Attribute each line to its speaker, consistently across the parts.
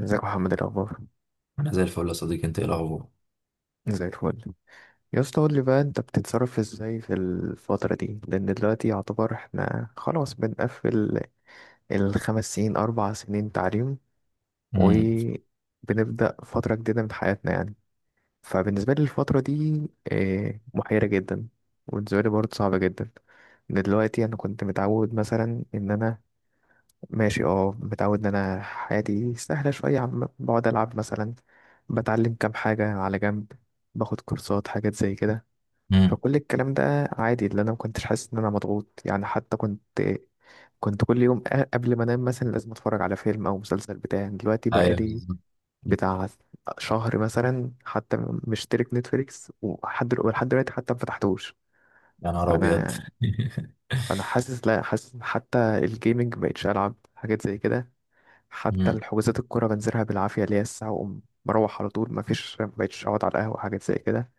Speaker 1: ازيك يا محمد، إيه الاخبار؟
Speaker 2: انا زي الفل يا صديقي، انت ايه الاخبار؟
Speaker 1: زي الفل. يا اسطى، قول لي بقى، انت بتتصرف ازاي في الفترة دي؟ لان دلوقتي يعتبر احنا خلاص بنقفل الـ5 سنين، 4 سنين تعليم،
Speaker 2: امم.
Speaker 1: وبنبدأ فترة جديدة من حياتنا يعني. فبالنسبة لي الفترة دي محيرة جدا، وبالنسبة لي برضه صعبة جدا. إن دلوقتي انا كنت متعود مثلا ان انا ماشي، متعود ان انا حياتي سهله شويه، عم بقعد العب مثلا، بتعلم كام حاجه على جنب، باخد كورسات، حاجات زي كده.
Speaker 2: امم.
Speaker 1: فكل الكلام ده عادي، اللي انا ما كنتش حاسس ان انا مضغوط يعني، حتى كنت كل يوم قبل ما انام مثلا لازم اتفرج على فيلم او مسلسل، بتاع دلوقتي بقى
Speaker 2: ايوه
Speaker 1: لي
Speaker 2: بالظبط.
Speaker 1: بتاع شهر مثلا حتى. مشترك نتفليكس، ولحد دلوقتي حتى ما فتحتوش.
Speaker 2: يا نهار ابيض.
Speaker 1: فانا فانا حاسس، لا، حاسس حتى الجيمنج مبقتش العب حاجات زي كده. حتى
Speaker 2: امم.
Speaker 1: الحجوزات، الكورة بنزلها بالعافية، اللي هي الساعة وأقوم مروح على طول، مفيش، مبقتش أقعد على القهوة، حاجات زي كده.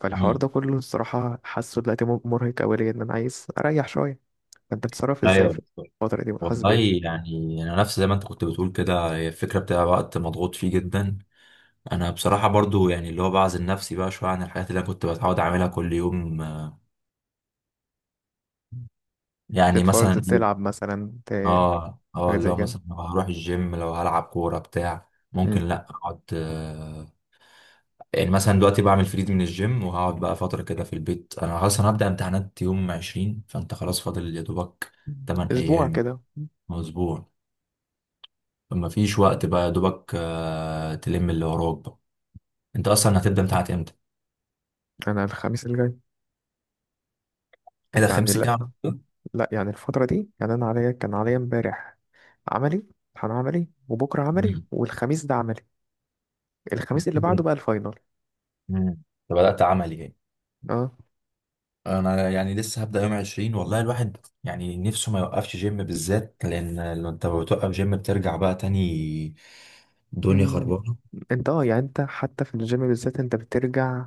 Speaker 1: فالحوار
Speaker 2: امم.
Speaker 1: ده كله الصراحة حاسه دلوقتي مرهق أوي ليا، إن أنا عايز أريح شوية. فأنت بتتصرف إزاي
Speaker 2: ايوه
Speaker 1: في
Speaker 2: بالظبط.
Speaker 1: الفترة دي، بتحس
Speaker 2: والله،
Speaker 1: بإيه؟
Speaker 2: يعني انا نفس زي ما انت كنت بتقول كده، هي الفكره بتاع وقت مضغوط فيه جدا. انا بصراحه برضو يعني اللي هو بعزل نفسي بقى شويه عن الحاجات اللي انا كنت بتعود اعملها كل يوم. يعني
Speaker 1: تتفرج،
Speaker 2: مثلا ايه،
Speaker 1: تلعب مثلا،
Speaker 2: اه
Speaker 1: حاجات
Speaker 2: اللي
Speaker 1: زي
Speaker 2: هو
Speaker 1: كده.
Speaker 2: مثلا لو هروح الجيم لو هلعب كوره بتاع ممكن
Speaker 1: مم.
Speaker 2: لا اقعد. يعني مثلا دلوقتي بعمل فريد من الجيم وهقعد بقى فترة كده في البيت، أنا خلاص أنا هبدأ امتحانات يوم 20، فأنت خلاص فاضل يا دوبك 8
Speaker 1: أسبوع
Speaker 2: أيام
Speaker 1: كده.
Speaker 2: أو أسبوع. فمفيش وقت بقى يا دوبك، تلم اللي وراك بقى. أنت أصلا هتبدأ امتحانات إمتى؟
Speaker 1: أنا الخميس اللي جاي.
Speaker 2: ايه ده
Speaker 1: يعني
Speaker 2: خميس
Speaker 1: لأ،
Speaker 2: الجاي على طول؟
Speaker 1: لأ، يعني الفترة دي، يعني أنا عليا، كان عليا إمبارح عملي، امتحان عملي، وبكرة عملي،
Speaker 2: امم.
Speaker 1: والخميس ده عملي. الخميس اللي بعده بقى الفاينل.
Speaker 2: امم. بدأت عملي يعني.
Speaker 1: اه.
Speaker 2: انا يعني لسه هبدأ يوم 20، والله الواحد يعني نفسه ما يوقفش جيم بالذات، لان لو انت بتوقف جيم بترجع بقى تاني، دنيا
Speaker 1: مم،
Speaker 2: خربانة.
Speaker 1: انت، يعني انت حتى في الجيم بالذات انت بترجع،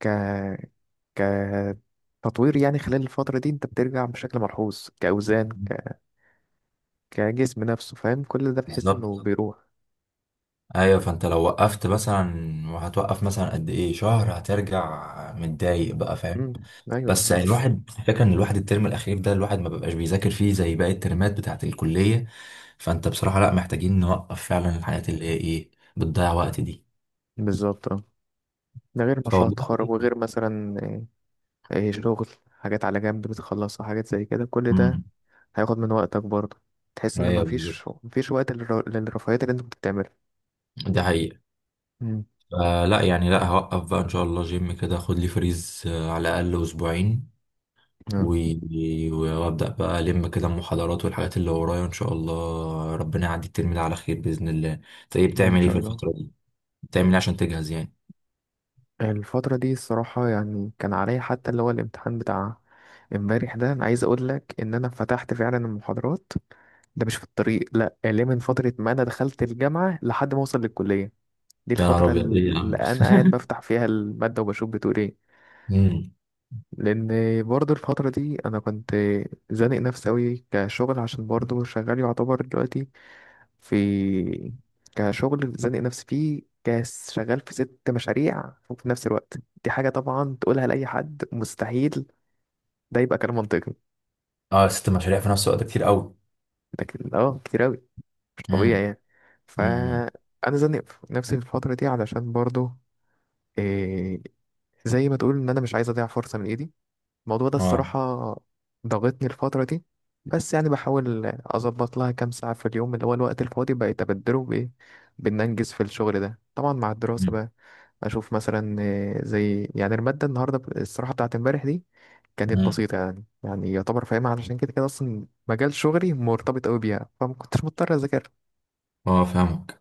Speaker 1: ك ك تطوير يعني. خلال الفترة دي انت بترجع بشكل ملحوظ كأوزان، كجسم نفسه، فاهم؟ كل ده بتحس انه بالظبط
Speaker 2: بالظبط.
Speaker 1: بيروح.
Speaker 2: ايوه، فانت لو وقفت مثلا وهتوقف مثلا قد ايه شهر، هترجع متضايق
Speaker 1: مم.
Speaker 2: بقى فاهم.
Speaker 1: مم. ايوه
Speaker 2: بس
Speaker 1: بالظبط،
Speaker 2: يعني
Speaker 1: بس.
Speaker 2: الواحد، الفكره ان الواحد الترم الاخير ده الواحد ما بيبقاش بيذاكر فيه زي باقي الترمات بتاعه الكليه. فانت بصراحه لا، محتاجين نوقف فعلا الحاجات اللي هي ايه، بتضيع وقت دي.
Speaker 1: بالظبط اه، ده غير مشروع
Speaker 2: فوالله.
Speaker 1: التخرج، وغير مثلا شغل حاجات على جنب بتخلصها، حاجات زي كده، كل ده
Speaker 2: امم.
Speaker 1: هياخد من وقتك برضه. تحس ان
Speaker 2: ايوه
Speaker 1: مفيش
Speaker 2: بالظبط،
Speaker 1: مفيش وقت للرفاهيات اللي انت كنت بتعملها.
Speaker 2: ده حقيقه.
Speaker 1: مم.
Speaker 2: فلا يعني لا، هوقف بقى ان شاء الله جيم كده، خد لي فريز على الاقل اسبوعين.
Speaker 1: اه،
Speaker 2: وابدا بقى الم كده المحاضرات والحاجات اللي ورايا، ان شاء الله ربنا يعدي الترم ده على خير باذن الله. انت ايه
Speaker 1: يعني ان
Speaker 2: بتعمل، ايه
Speaker 1: شاء
Speaker 2: في
Speaker 1: الله.
Speaker 2: الفتره دي، بتعمل ايه عشان تجهز يعني؟
Speaker 1: الفترة دي الصراحة، يعني كان عليا حتى اللي هو الامتحان بتاع امبارح ده، انا عايز اقول لك ان انا فتحت فعلا المحاضرات ده مش في الطريق، لا اللي من فترة ما انا دخلت الجامعة لحد ما اوصل للكلية. دي
Speaker 2: يا نهار
Speaker 1: الفترة
Speaker 2: ابيض، ايه يا
Speaker 1: اللي
Speaker 2: عم.
Speaker 1: انا قاعد بفتح فيها المادة وبشوف بتقول ايه.
Speaker 2: امم.
Speaker 1: لان برضه الفترة دي انا كنت زانق نفسي اوي كشغل، عشان برضه شغال يعتبر دلوقتي في كشغل، زانق نفسي فيه كشغال في 6 مشاريع، وفي نفس الوقت. دي حاجة طبعا تقولها لأي حد مستحيل ده يبقى كلام منطقي.
Speaker 2: اه، ست مشاريع في نفس الوقت كتير قوي.
Speaker 1: لكن كتير أوي، مش طبيعي
Speaker 2: امم.
Speaker 1: يعني.
Speaker 2: امم.
Speaker 1: فأنا زانق نفسي في الفترة دي علشان برضو إيه، زي ما تقول إن أنا مش عايز أضيع فرصة من إيدي. الموضوع ده
Speaker 2: اه.
Speaker 1: الصراحة ضغطني الفترة دي، بس يعني بحاول أظبط لها كام ساعة في اليوم اللي هو الوقت الفاضي بقيت أبدله بإيه، بإن أنجز في الشغل ده، طبعا مع الدراسة
Speaker 2: امم.
Speaker 1: بقى. أشوف مثلا زي يعني المادة النهاردة، الصراحة بتاعت امبارح دي كانت
Speaker 2: امم.
Speaker 1: بسيطة يعني، يعني يعتبر فاهمها، علشان كده كده أصلا مجال شغلي مرتبط أوي بيها، فما كنتش مضطر أذاكر.
Speaker 2: اه فاهمك.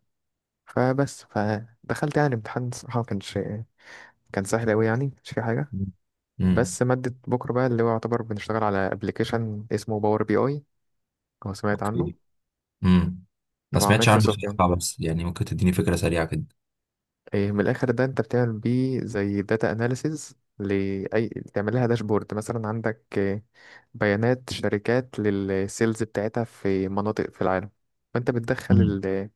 Speaker 1: فدخلت يعني الامتحان، الصراحة ما كانش، كان سهل أوي يعني، مش في حاجة.
Speaker 2: امم.
Speaker 1: بس مادة بكرة بقى اللي هو يعتبر بنشتغل على ابلكيشن اسمه باور بي اي، لو سمعت عنه.
Speaker 2: اوكي. امم. ما
Speaker 1: طبعا
Speaker 2: سمعتش عنه
Speaker 1: مايكروسوفت يعني.
Speaker 2: بصراحه، بس يعني ممكن تديني فكره سريعه كده.
Speaker 1: إيه من الآخر، ده أنت بتعمل بيه زي داتا أناليسيز لأي، تعمل لها داشبورد مثلا، عندك إيه، بيانات شركات للسيلز بتاعتها في مناطق في العالم، فأنت بتدخل
Speaker 2: امم.
Speaker 1: ال...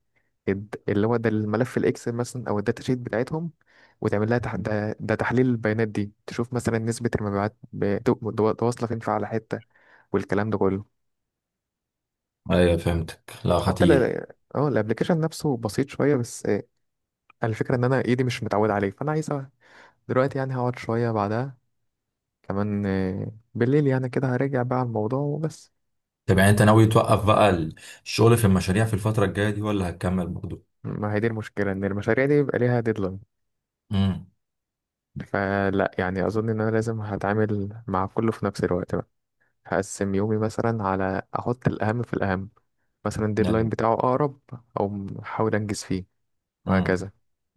Speaker 1: الد- اللي هو ده الملف الإكسل مثلا أو الداتا شيت بتاعتهم، وتعمل لها ده تحليل البيانات دي، تشوف مثلا نسبة المبيعات، واصلة فين في على حتة، والكلام ده كله.
Speaker 2: ايوه فهمتك، لا
Speaker 1: حتى ل...
Speaker 2: خطير.
Speaker 1: اه الابلكيشن نفسه بسيط شويه بس، الفكره ان انا ايدي مش متعود عليه، فانا عايز دلوقتي يعني هقعد شويه بعدها كمان، بالليل يعني كده، هرجع بقى على الموضوع وبس.
Speaker 2: طب يعني انت ناوي توقف بقى الشغل في المشاريع في الفترة الجاية دي ولا هتكمل برضه؟
Speaker 1: ما هي دي المشكله، ان المشاريع دي بيبقى ليها ديدلاين.
Speaker 2: امم.
Speaker 1: فلا يعني اظن ان انا لازم هتعامل مع كله في نفس الوقت بقى، هقسم يومي مثلا، على احط الاهم في الاهم، مثلا الديدلاين
Speaker 2: ايوه.
Speaker 1: بتاعه اقرب او احاول انجز فيه،
Speaker 2: امم.
Speaker 1: وهكذا.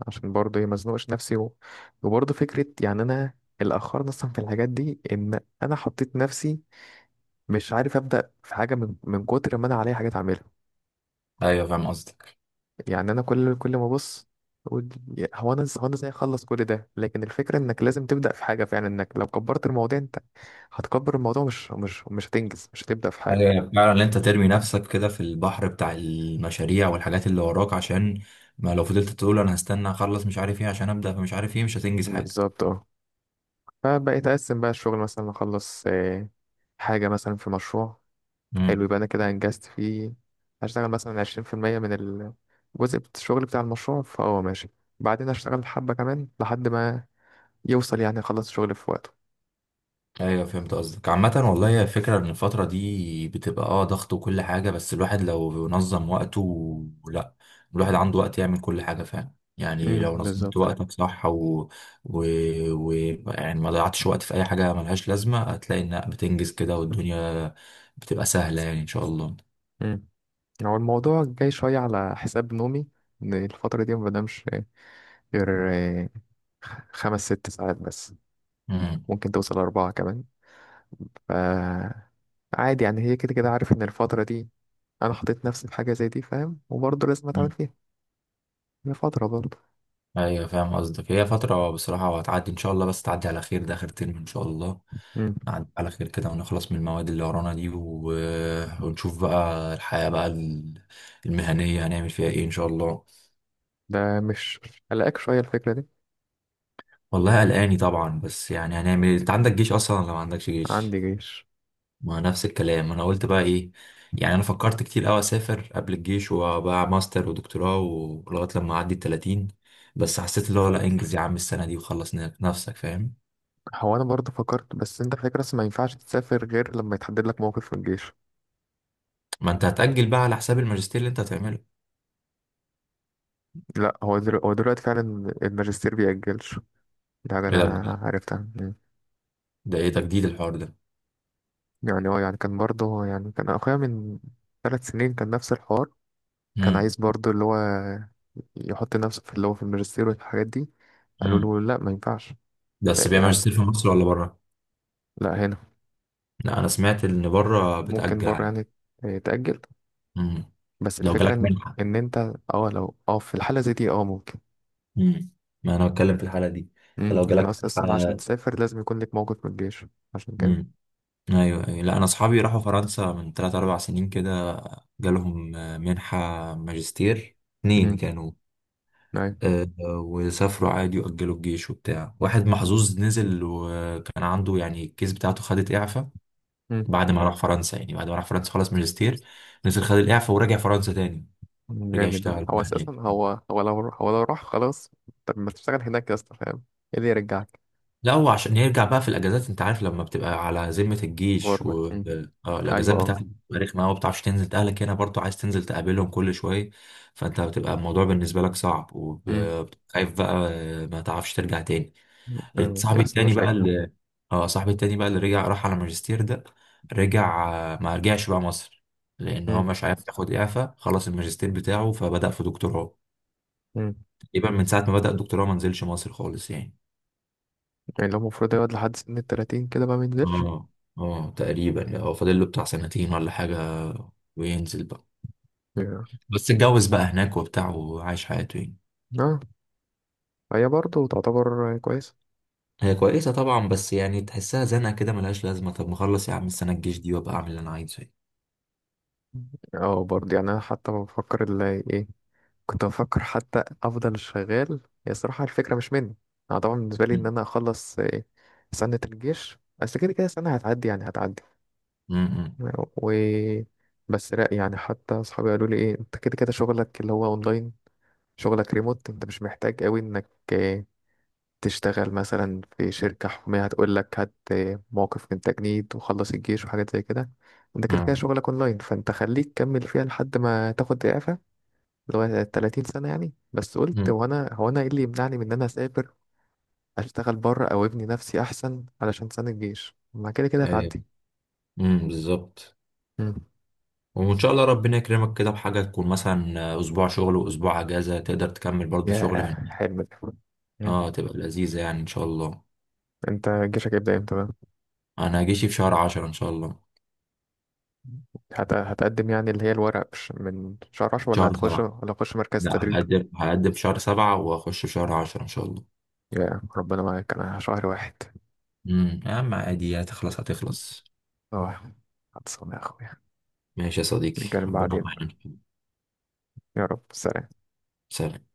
Speaker 1: عشان برضه إيه، ما ازنقش نفسي وبرضه فكرة يعني أنا، اللي أخرني أصلا في الحاجات دي إن أنا حطيت نفسي مش عارف أبدأ في حاجة من كتر ما أنا عليا حاجات أعملها.
Speaker 2: ايوه فاهم قصدك.
Speaker 1: يعني أنا كل ما أبص أقول، هو أنا إزاي أخلص كل ده، لكن الفكرة إنك لازم تبدأ في حاجة فعلا، إنك لو كبرت الموضوع أنت هتكبر الموضوع، مش هتنجز، مش هتبدأ في
Speaker 2: ايوه،
Speaker 1: حاجة.
Speaker 2: يعني فعلا ان انت ترمي نفسك كده في البحر بتاع المشاريع والحاجات اللي وراك، عشان ما لو فضلت تقول انا هستنى اخلص مش عارف ايه عشان ابدا فمش عارف ايه، مش هتنجز حاجة.
Speaker 1: بالظبط اه. فبقيت أقسم بقى الشغل، مثلا أخلص حاجة مثلا في مشروع، حلو،
Speaker 2: امم.
Speaker 1: يبقى انا كده انجزت فيه، هشتغل مثلا 20% من الجزء الشغل بتاع المشروع، فهو ماشي، بعدين هشتغل حبة كمان لحد ما يوصل، يعني يخلص الشغل في وقته.
Speaker 2: ايوه فهمت قصدك. عامة والله هي الفكرة ان الفترة دي بتبقى اه ضغط وكل حاجة، بس الواحد لو نظم وقته لا، الواحد عنده وقت يعمل كل حاجة فعلا. يعني لو نظمت
Speaker 1: بالظبط.
Speaker 2: وقتك صح و... و... و... يعني ما ضيعتش وقت في اي حاجة ملهاش لازمة، هتلاقي انك بتنجز كده والدنيا بتبقى سهلة يعني ان شاء الله.
Speaker 1: امم هو الموضوع جاي شوية على حساب نومي، ان الفترة دي ما بنامش غير 5-6 ساعات بس، ممكن توصل أربعة كمان. ف عادي يعني هي كده كده، عارف ان الفترة دي انا حطيت نفسي في حاجة زي دي، فاهم، وبرضه لازم اتعامل
Speaker 2: مم.
Speaker 1: فيها، هي فترة برضه.
Speaker 2: ايوه فاهم قصدك، هي فترة بصراحة وهتعدي ان شاء الله، بس تعدي على خير ده اخر ترم ان شاء الله. نعدي على خير كده ونخلص من المواد اللي ورانا دي و... ونشوف بقى الحياة بقى المهنية هنعمل فيها ايه ان شاء الله.
Speaker 1: ده مش قلقك شوية الفكرة دي؟
Speaker 2: والله قلقاني طبعا، بس يعني هنعمل ايه. انت عندك جيش اصلا ولا ما عندكش جيش؟
Speaker 1: عندي جيش.
Speaker 2: ما نفس الكلام، انا قلت بقى ايه، يعني انا فكرت كتير قوي اسافر قبل الجيش وبقى ماستر ودكتوراه ولغاية لما اعدي ال 30، بس حسيت اللي هو لا انجز يا عم السنة دي وخلص نفسك فاهم.
Speaker 1: هو انا برضه فكرت، بس انت فاكر، بس ما ينفعش تسافر غير لما يتحدد لك موقف في الجيش.
Speaker 2: ما انت هتأجل بقى على حساب الماجستير اللي انت هتعمله.
Speaker 1: لا هو دلوقتي, هو دلوقتي فعلا الماجستير بيأجلش، ده حاجة
Speaker 2: ايه
Speaker 1: انا
Speaker 2: ده بجد؟
Speaker 1: عرفتها. مم.
Speaker 2: ده ايه تجديد الحوار ده؟
Speaker 1: يعني هو، يعني كان برضه يعني كان اخويا من 3 سنين كان نفس الحوار، كان
Speaker 2: امم.
Speaker 1: عايز برضه اللي هو يحط نفسه في اللي هو في الماجستير والحاجات دي، قالوا
Speaker 2: امم.
Speaker 1: له لا ما ينفعش.
Speaker 2: بس بيعمل
Speaker 1: يعني
Speaker 2: ماجستير في مصر ولا بره؟
Speaker 1: لا هنا،
Speaker 2: لا انا سمعت ان بره
Speaker 1: ممكن
Speaker 2: بتأجل
Speaker 1: بره
Speaker 2: عادي.
Speaker 1: يعني تأجل،
Speaker 2: امم.
Speaker 1: بس
Speaker 2: لو
Speaker 1: الفكرة
Speaker 2: جالك
Speaker 1: ان
Speaker 2: منحة.
Speaker 1: إن انت، اه لو في الحالة زي دي ممكن.
Speaker 2: امم. ما انا بتكلم في الحالة دي. انت
Speaker 1: امم،
Speaker 2: لو
Speaker 1: يعني
Speaker 2: جالك
Speaker 1: اصلا عشان
Speaker 2: منحة.
Speaker 1: تسافر لازم يكون لك موقف من الجيش، عشان كده.
Speaker 2: امم. ايوه ايوه، لا انا اصحابي راحوا فرنسا من 3 4 سنين كده، جالهم منحة ماجستير
Speaker 1: امم.
Speaker 2: اتنين كانوا.
Speaker 1: ايوه.
Speaker 2: وسافروا عادي واجلوا الجيش وبتاع، واحد محظوظ نزل وكان عنده يعني الكيس بتاعته خدت اعفاء.
Speaker 1: امم.
Speaker 2: بعد ما راح فرنسا خلص ماجستير، نزل خد الإعفاء ورجع فرنسا تاني، رجع
Speaker 1: جامد ده،
Speaker 2: يشتغل
Speaker 1: هو
Speaker 2: بقى هناك.
Speaker 1: اساسا هو لو راح خلاص، طب ما تشتغل هناك يا اسطى، فاهم؟ ايه اللي يرجعك.
Speaker 2: لا هو عشان يرجع بقى في الأجازات، أنت عارف لما بتبقى على ذمة الجيش
Speaker 1: غربة.
Speaker 2: و
Speaker 1: امم.
Speaker 2: آه
Speaker 1: ايوه
Speaker 2: الأجازات
Speaker 1: اه.
Speaker 2: بتاعتك بتبقى رخمة أوي، ما بتعرفش تنزل أهلك هنا برضه عايز تنزل تقابلهم كل شوية. فأنت بتبقى الموضوع بالنسبة لك صعب
Speaker 1: امم.
Speaker 2: وخايف بقى، ما تعرفش ترجع تاني. صاحبي
Speaker 1: يحصل
Speaker 2: التاني بقى
Speaker 1: مشاكل.
Speaker 2: اللي اه صاحبي التاني بقى اللي رجع راح على ماجستير ده، رجع ما رجعش بقى مصر لان هو
Speaker 1: امم.
Speaker 2: مش عارف ياخد اعفاء، خلص الماجستير بتاعه فبدأ في دكتوراه.
Speaker 1: امم.
Speaker 2: تقريبا من ساعة ما بدأ الدكتوراه ما نزلش مصر خالص يعني.
Speaker 1: يعني لو المفروض يقعد لحد سن الـ30 كده ما بينزلش.
Speaker 2: اه اه تقريبا يعني هو فاضل له بتاع سنتين ولا حاجة وينزل بقى.
Speaker 1: yeah.
Speaker 2: بس اتجوز بقى هناك وبتاع وعايش حياته يعني.
Speaker 1: اه. هي برضه تعتبر كويس.
Speaker 2: هي كويسة طبعا، بس يعني تحسها زنقة كده ملهاش لازمة، طب ما اخلص يا عم السنة الجيش دي وابقى اعمل اللي انا عايزه يعني.
Speaker 1: اه برضه يعني انا حتى بفكر اللي ايه، كنت بفكر حتى افضل شغال، هي صراحه الفكره مش مني. انا طبعا بالنسبه لي ان
Speaker 2: م-
Speaker 1: انا اخلص سنه الجيش، بس كده كده سنه هتعدي، يعني هتعدي.
Speaker 2: م- م-
Speaker 1: و بس لا يعني حتى اصحابي قالوا لي ايه، انت كده كده شغلك اللي هو اونلاين، شغلك ريموت، انت مش محتاج قوي انك تشتغل مثلا في شركه حكوميه هتقول لك هات موقف من تجنيد وخلص الجيش، وحاجات زي كده. انت كده كده
Speaker 2: م-
Speaker 1: شغلك اونلاين، فانت خليك كمل فيها لحد ما تاخد اعفاء اللي هو 30 سنة يعني. بس قلت،
Speaker 2: م.
Speaker 1: هو أنا إيه اللي يمنعني من إن أنا أسافر، أشتغل بره أو أبني نفسي أحسن، علشان سنة الجيش ما كده كده
Speaker 2: ايوه.
Speaker 1: هتعدي.
Speaker 2: بالظبط.
Speaker 1: مم.
Speaker 2: وان شاء الله ربنا يكرمك كده بحاجه تكون مثلا اسبوع شغل واسبوع اجازه، تقدر تكمل برضه
Speaker 1: يا
Speaker 2: شغل من،
Speaker 1: حلم ده. مم.
Speaker 2: اه تبقى لذيذه يعني ان شاء الله.
Speaker 1: أنت جيشك هيبدأ إمتى بقى؟
Speaker 2: انا هجيش في شهر عشرة ان شاء الله.
Speaker 1: هتقدم يعني، اللي هي الورق من شهر 10، ولا
Speaker 2: شهر
Speaker 1: هتخش
Speaker 2: سبعة.
Speaker 1: ولا هتخش مركز
Speaker 2: لا
Speaker 1: تدريب.
Speaker 2: هقدم في شهر سبعة واخش في شهر عشرة ان شاء الله.
Speaker 1: يا ربنا معاك. أنا شهر واحد.
Speaker 2: يا عم عادي، هتخلص هتخلص.
Speaker 1: أه. هتصوم يا أخويا.
Speaker 2: ماشي يا صديقي
Speaker 1: نتكلم
Speaker 2: ربنا
Speaker 1: بعدين
Speaker 2: معاك.
Speaker 1: بقى. يا رب سلام.
Speaker 2: سلام.